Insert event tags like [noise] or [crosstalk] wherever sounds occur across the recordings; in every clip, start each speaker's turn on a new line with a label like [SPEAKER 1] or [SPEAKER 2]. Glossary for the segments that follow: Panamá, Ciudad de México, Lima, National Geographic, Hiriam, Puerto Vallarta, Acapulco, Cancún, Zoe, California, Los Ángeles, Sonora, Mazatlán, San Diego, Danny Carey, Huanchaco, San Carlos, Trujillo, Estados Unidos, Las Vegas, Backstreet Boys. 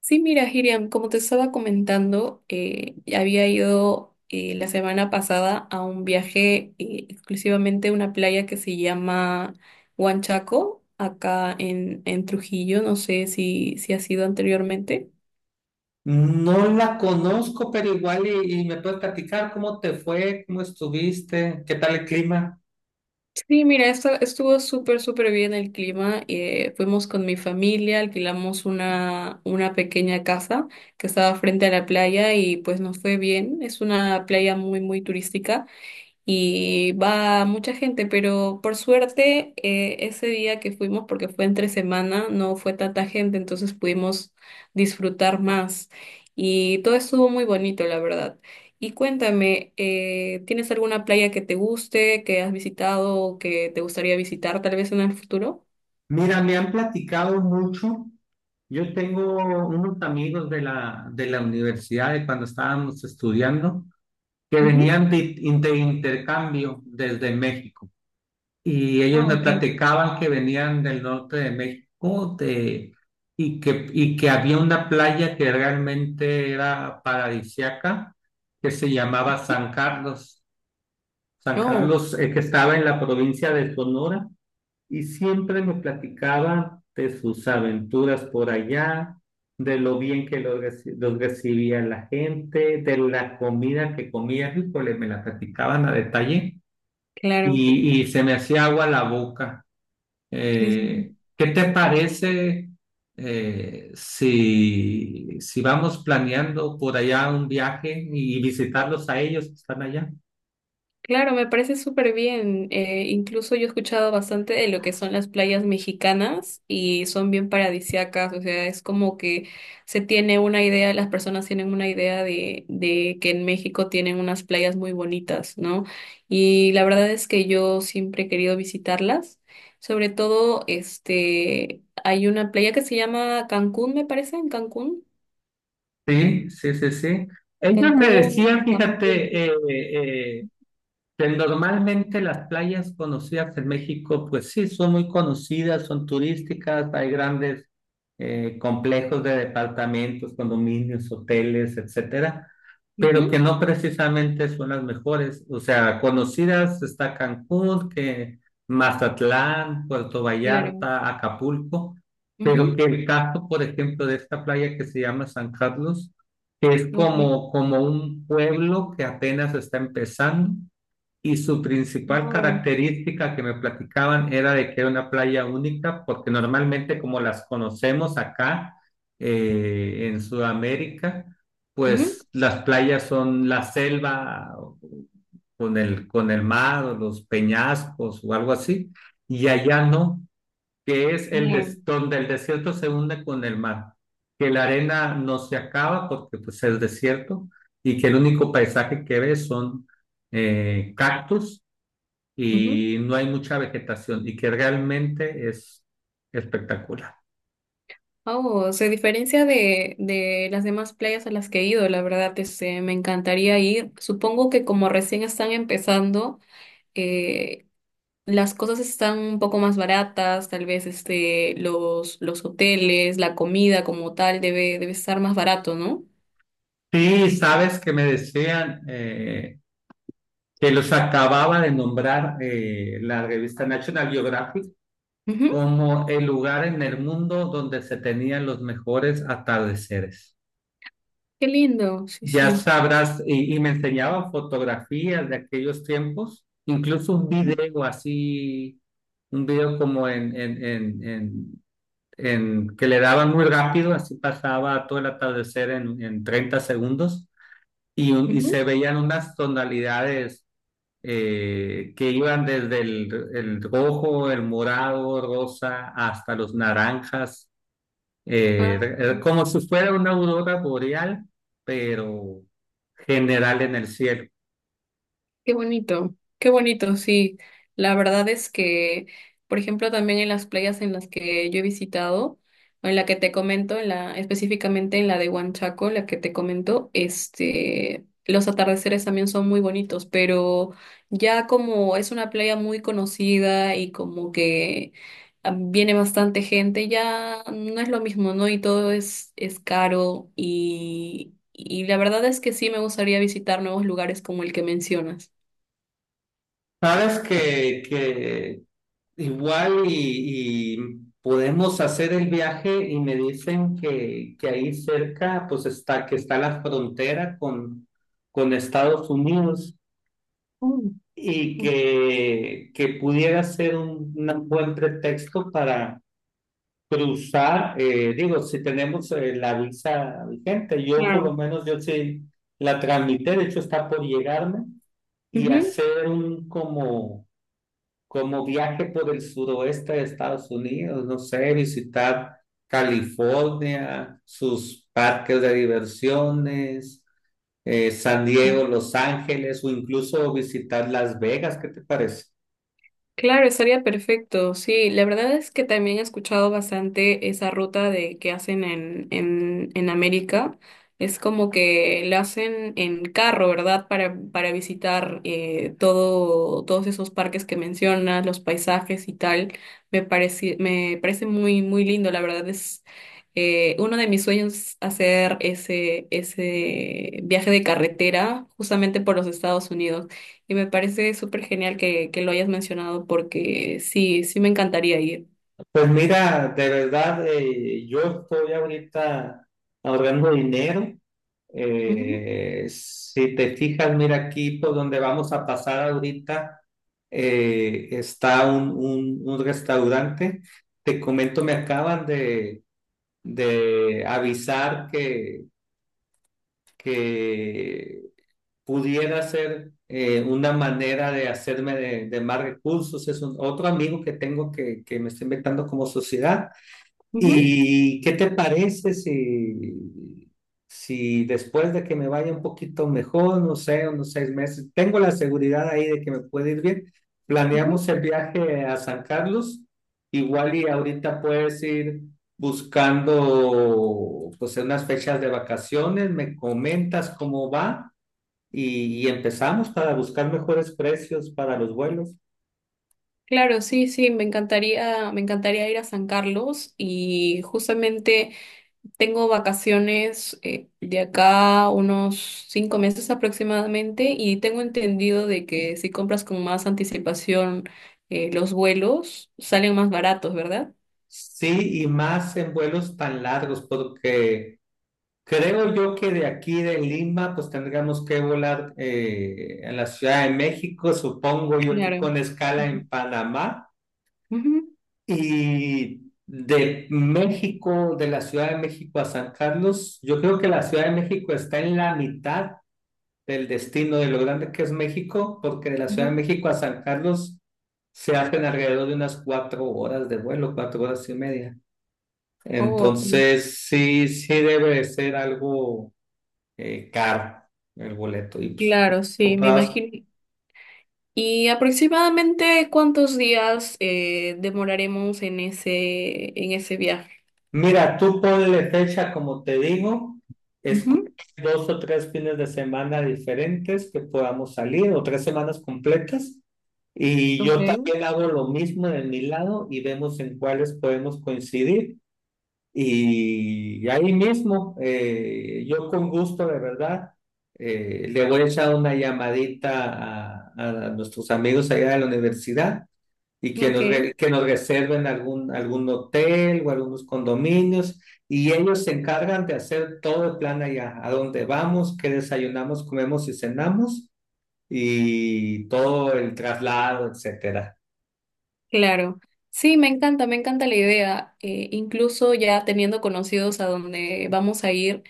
[SPEAKER 1] Sí, mira, Hiriam, como te estaba comentando, había ido la semana pasada a un viaje exclusivamente a una playa que se llama Huanchaco, acá en Trujillo. No sé si has ido anteriormente.
[SPEAKER 2] No la conozco, pero igual y me puedes platicar cómo te fue, cómo estuviste, qué tal el clima.
[SPEAKER 1] Sí, mira, estuvo súper bien el clima. Fuimos con mi familia, alquilamos una pequeña casa que estaba frente a la playa y pues nos fue bien. Es una playa muy turística. Y va mucha gente, pero por suerte ese día que fuimos, porque fue entre semana, no fue tanta gente, entonces pudimos disfrutar más y todo estuvo muy bonito, la verdad. Y cuéntame, ¿tienes alguna playa que te guste, que has visitado o que te gustaría visitar tal vez en el futuro?
[SPEAKER 2] Mira, me han platicado mucho. Yo tengo unos amigos de la universidad de cuando estábamos estudiando que
[SPEAKER 1] Ujú.
[SPEAKER 2] venían de intercambio desde México. Y ellos
[SPEAKER 1] Ah,
[SPEAKER 2] me
[SPEAKER 1] ok.
[SPEAKER 2] platicaban que venían del norte de México de, y que había una playa que realmente era paradisiaca, que se llamaba San Carlos. San
[SPEAKER 1] Oh,
[SPEAKER 2] Carlos, que estaba en la provincia de Sonora, y siempre me platicaban de sus aventuras por allá, de lo bien que los, los recibía la gente, de la comida que comía, híjole, me la platicaban a detalle,
[SPEAKER 1] claro.
[SPEAKER 2] y se me hacía agua la boca.
[SPEAKER 1] Sí, sí,
[SPEAKER 2] Eh,
[SPEAKER 1] sí.
[SPEAKER 2] ¿qué te parece si vamos planeando por allá un viaje y visitarlos a ellos que están allá?
[SPEAKER 1] Claro, me parece súper bien. Incluso yo he escuchado bastante de lo que son las playas mexicanas y son bien paradisíacas. O sea, es como que se tiene una idea, las personas tienen una idea de que en México tienen unas playas muy bonitas, ¿no? Y la verdad es que yo siempre he querido visitarlas. Sobre todo, este, hay una playa que se llama Cancún, me parece, en Cancún.
[SPEAKER 2] Sí, sí, sí, sí. Ellos me
[SPEAKER 1] Cancún,
[SPEAKER 2] decían,
[SPEAKER 1] Acapulco.
[SPEAKER 2] fíjate, pues, normalmente las playas conocidas en México, pues sí, son muy conocidas, son turísticas, hay grandes complejos de departamentos, condominios, hoteles, etcétera, pero
[SPEAKER 1] Ujú,
[SPEAKER 2] que no precisamente son las mejores. O sea, conocidas está Cancún, que Mazatlán, Puerto
[SPEAKER 1] claro.
[SPEAKER 2] Vallarta, Acapulco, pero
[SPEAKER 1] Ujú,
[SPEAKER 2] que el caso, por ejemplo, de esta playa que se llama San Carlos, que es
[SPEAKER 1] ok.
[SPEAKER 2] como, como un pueblo que apenas está empezando y su principal
[SPEAKER 1] Wow.
[SPEAKER 2] característica que me platicaban era de que era una playa única, porque normalmente como las conocemos acá en Sudamérica,
[SPEAKER 1] Ujú,
[SPEAKER 2] pues las playas son la selva con el mar o los peñascos o algo así, y allá no, que es el
[SPEAKER 1] bien.
[SPEAKER 2] donde el desierto se hunde con el mar, que la arena no se acaba porque pues es desierto y que el único paisaje que ves son cactus
[SPEAKER 1] Ujú.
[SPEAKER 2] y no hay mucha vegetación y que realmente es espectacular.
[SPEAKER 1] Oh, se diferencia de las demás playas a las que he ido, la verdad, este, me encantaría ir. Supongo que como recién están empezando, eh, las cosas están un poco más baratas, tal vez este, los hoteles, la comida como tal debe estar más barato, ¿no?
[SPEAKER 2] Sí, sabes que me decían que los acababa de nombrar la revista National Geographic
[SPEAKER 1] Ujú,
[SPEAKER 2] como el lugar en el mundo donde se tenían los mejores atardeceres.
[SPEAKER 1] qué lindo, sí,
[SPEAKER 2] Ya
[SPEAKER 1] sí.
[SPEAKER 2] sabrás, y me enseñaba fotografías de aquellos tiempos, incluso un
[SPEAKER 1] Ujú,
[SPEAKER 2] video así, un video como que le daban muy rápido, así pasaba todo el atardecer en 30 segundos, y, y se
[SPEAKER 1] ujú.
[SPEAKER 2] veían unas tonalidades que iban desde el rojo, el morado, rosa, hasta los naranjas,
[SPEAKER 1] Ah,
[SPEAKER 2] era como si fuera una aurora boreal, pero general en el cielo.
[SPEAKER 1] qué bonito, qué bonito, sí. La verdad es que, por ejemplo, también en las playas en las que yo he visitado, o en la que te comento, en específicamente en la de Huanchaco, la que te comento, este, los atardeceres también son muy bonitos, pero ya como es una playa muy conocida y como que ah, viene bastante gente, ya no es lo mismo, ¿no? Y todo es caro y la verdad es que sí me gustaría visitar nuevos lugares como el que mencionas.
[SPEAKER 2] Sabes que igual y podemos hacer el viaje y me dicen que ahí cerca pues está, que está la frontera con Estados Unidos
[SPEAKER 1] Mm,
[SPEAKER 2] y que pudiera ser un- buen pretexto para cruzar. Digo, si tenemos la visa vigente, yo por lo
[SPEAKER 1] claro.
[SPEAKER 2] menos yo sí la transmití, de hecho está por llegarme, y
[SPEAKER 1] Ujú.
[SPEAKER 2] hacer un como, como viaje por el suroeste de Estados Unidos, no sé, visitar California, sus parques de diversiones, San Diego, Los Ángeles, o incluso visitar Las Vegas. ¿Qué te parece?
[SPEAKER 1] Claro, estaría perfecto. Sí, la verdad es que también he escuchado bastante esa ruta de que hacen en América. Es como que la hacen en carro, ¿verdad? Para visitar todo, todos esos parques que mencionas, los paisajes y tal. Me parece muy lindo. La verdad es uno de mis sueños hacer ese viaje de carretera justamente por los Estados Unidos. Y me parece súper genial que lo hayas mencionado porque sí, sí me encantaría ir.
[SPEAKER 2] Pues mira, de verdad, yo estoy ahorita ahorrando dinero.
[SPEAKER 1] Ujú,
[SPEAKER 2] Si te fijas, mira aquí por donde vamos a pasar ahorita, está un, un restaurante. Te comento, me acaban de avisar que pudiera ser una manera de hacerme de más recursos. Es otro amigo que tengo que me está invitando como sociedad.
[SPEAKER 1] ujú,
[SPEAKER 2] ¿Y qué te parece si después de que me vaya un poquito mejor, no sé, unos 6 meses, tengo la seguridad ahí de que me puede ir bien,
[SPEAKER 1] ujú.
[SPEAKER 2] planeamos el viaje a San Carlos, igual y ahorita puedes ir buscando pues unas fechas de vacaciones, me comentas cómo va y empezamos para buscar mejores precios para los vuelos?
[SPEAKER 1] Claro, sí, sí, me encantaría ir a San Carlos y justamente tengo vacaciones de acá unos 5 meses aproximadamente y tengo entendido de que si compras con más anticipación los vuelos salen más baratos, ¿verdad?
[SPEAKER 2] Sí, y más en vuelos tan largos, porque... Creo yo que de aquí de Lima, pues tendríamos que volar a la Ciudad de México, supongo yo que
[SPEAKER 1] Claro.
[SPEAKER 2] con escala
[SPEAKER 1] Ujú,
[SPEAKER 2] en Panamá.
[SPEAKER 1] ujú,
[SPEAKER 2] Y de México, de la Ciudad de México a San Carlos, yo creo que la Ciudad de México está en la mitad del destino de lo grande que es México, porque de la Ciudad de
[SPEAKER 1] ujú.
[SPEAKER 2] México a San Carlos se hacen alrededor de unas 4 horas de vuelo, 4 horas y media.
[SPEAKER 1] Oh, ok.
[SPEAKER 2] Entonces, sí, sí debe de ser algo caro el boleto y pues
[SPEAKER 1] Claro, sí, me
[SPEAKER 2] comprabas.
[SPEAKER 1] imagino. ¿Y aproximadamente cuántos días demoraremos en en ese viaje?
[SPEAKER 2] Mira, tú ponle fecha, como te digo, escoge
[SPEAKER 1] Ujú,
[SPEAKER 2] dos o tres fines de semana diferentes que podamos salir o 3 semanas completas y
[SPEAKER 1] ok,
[SPEAKER 2] yo también hago lo mismo de mi lado y vemos en cuáles podemos coincidir. Y ahí mismo, yo con gusto, de verdad, le voy a echar una llamadita a nuestros amigos allá de la universidad y que nos,
[SPEAKER 1] ok.
[SPEAKER 2] que nos reserven algún, algún hotel o algunos condominios y ellos se encargan de hacer todo el plan allá, a dónde vamos, qué desayunamos, comemos y cenamos y todo el traslado, etcétera.
[SPEAKER 1] Claro, sí, me encanta la idea. Incluso ya teniendo conocidos a donde vamos a ir,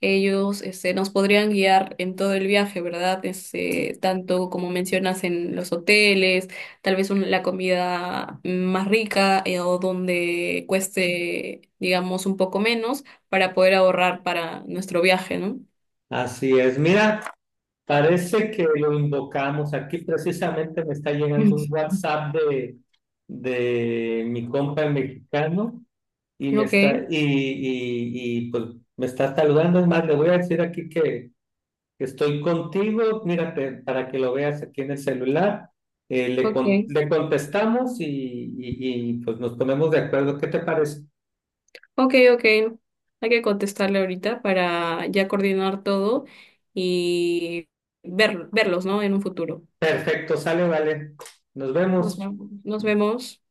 [SPEAKER 1] ellos este, nos podrían guiar en todo el viaje, ¿verdad? Este, tanto como mencionas en los hoteles, tal vez un- la comida más rica o donde cueste, digamos, un poco menos para poder ahorrar para nuestro viaje, ¿no?
[SPEAKER 2] Así es, mira, parece que lo invocamos. Aquí precisamente me está llegando un
[SPEAKER 1] [laughs]
[SPEAKER 2] WhatsApp de mi compa el mexicano y me
[SPEAKER 1] Ok,
[SPEAKER 2] está, y pues me está saludando. Es más, le voy a decir aquí que estoy contigo, mírate, para que lo veas aquí en el celular. Le,
[SPEAKER 1] ok.
[SPEAKER 2] le contestamos y pues nos ponemos de acuerdo. ¿Qué te parece?
[SPEAKER 1] Ok, ok. Hay que contestarle ahorita para ya coordinar todo y verlos, ¿no? En un futuro.
[SPEAKER 2] Perfecto, sale, vale. Nos
[SPEAKER 1] Nos
[SPEAKER 2] vemos.
[SPEAKER 1] vemos. Nos vemos.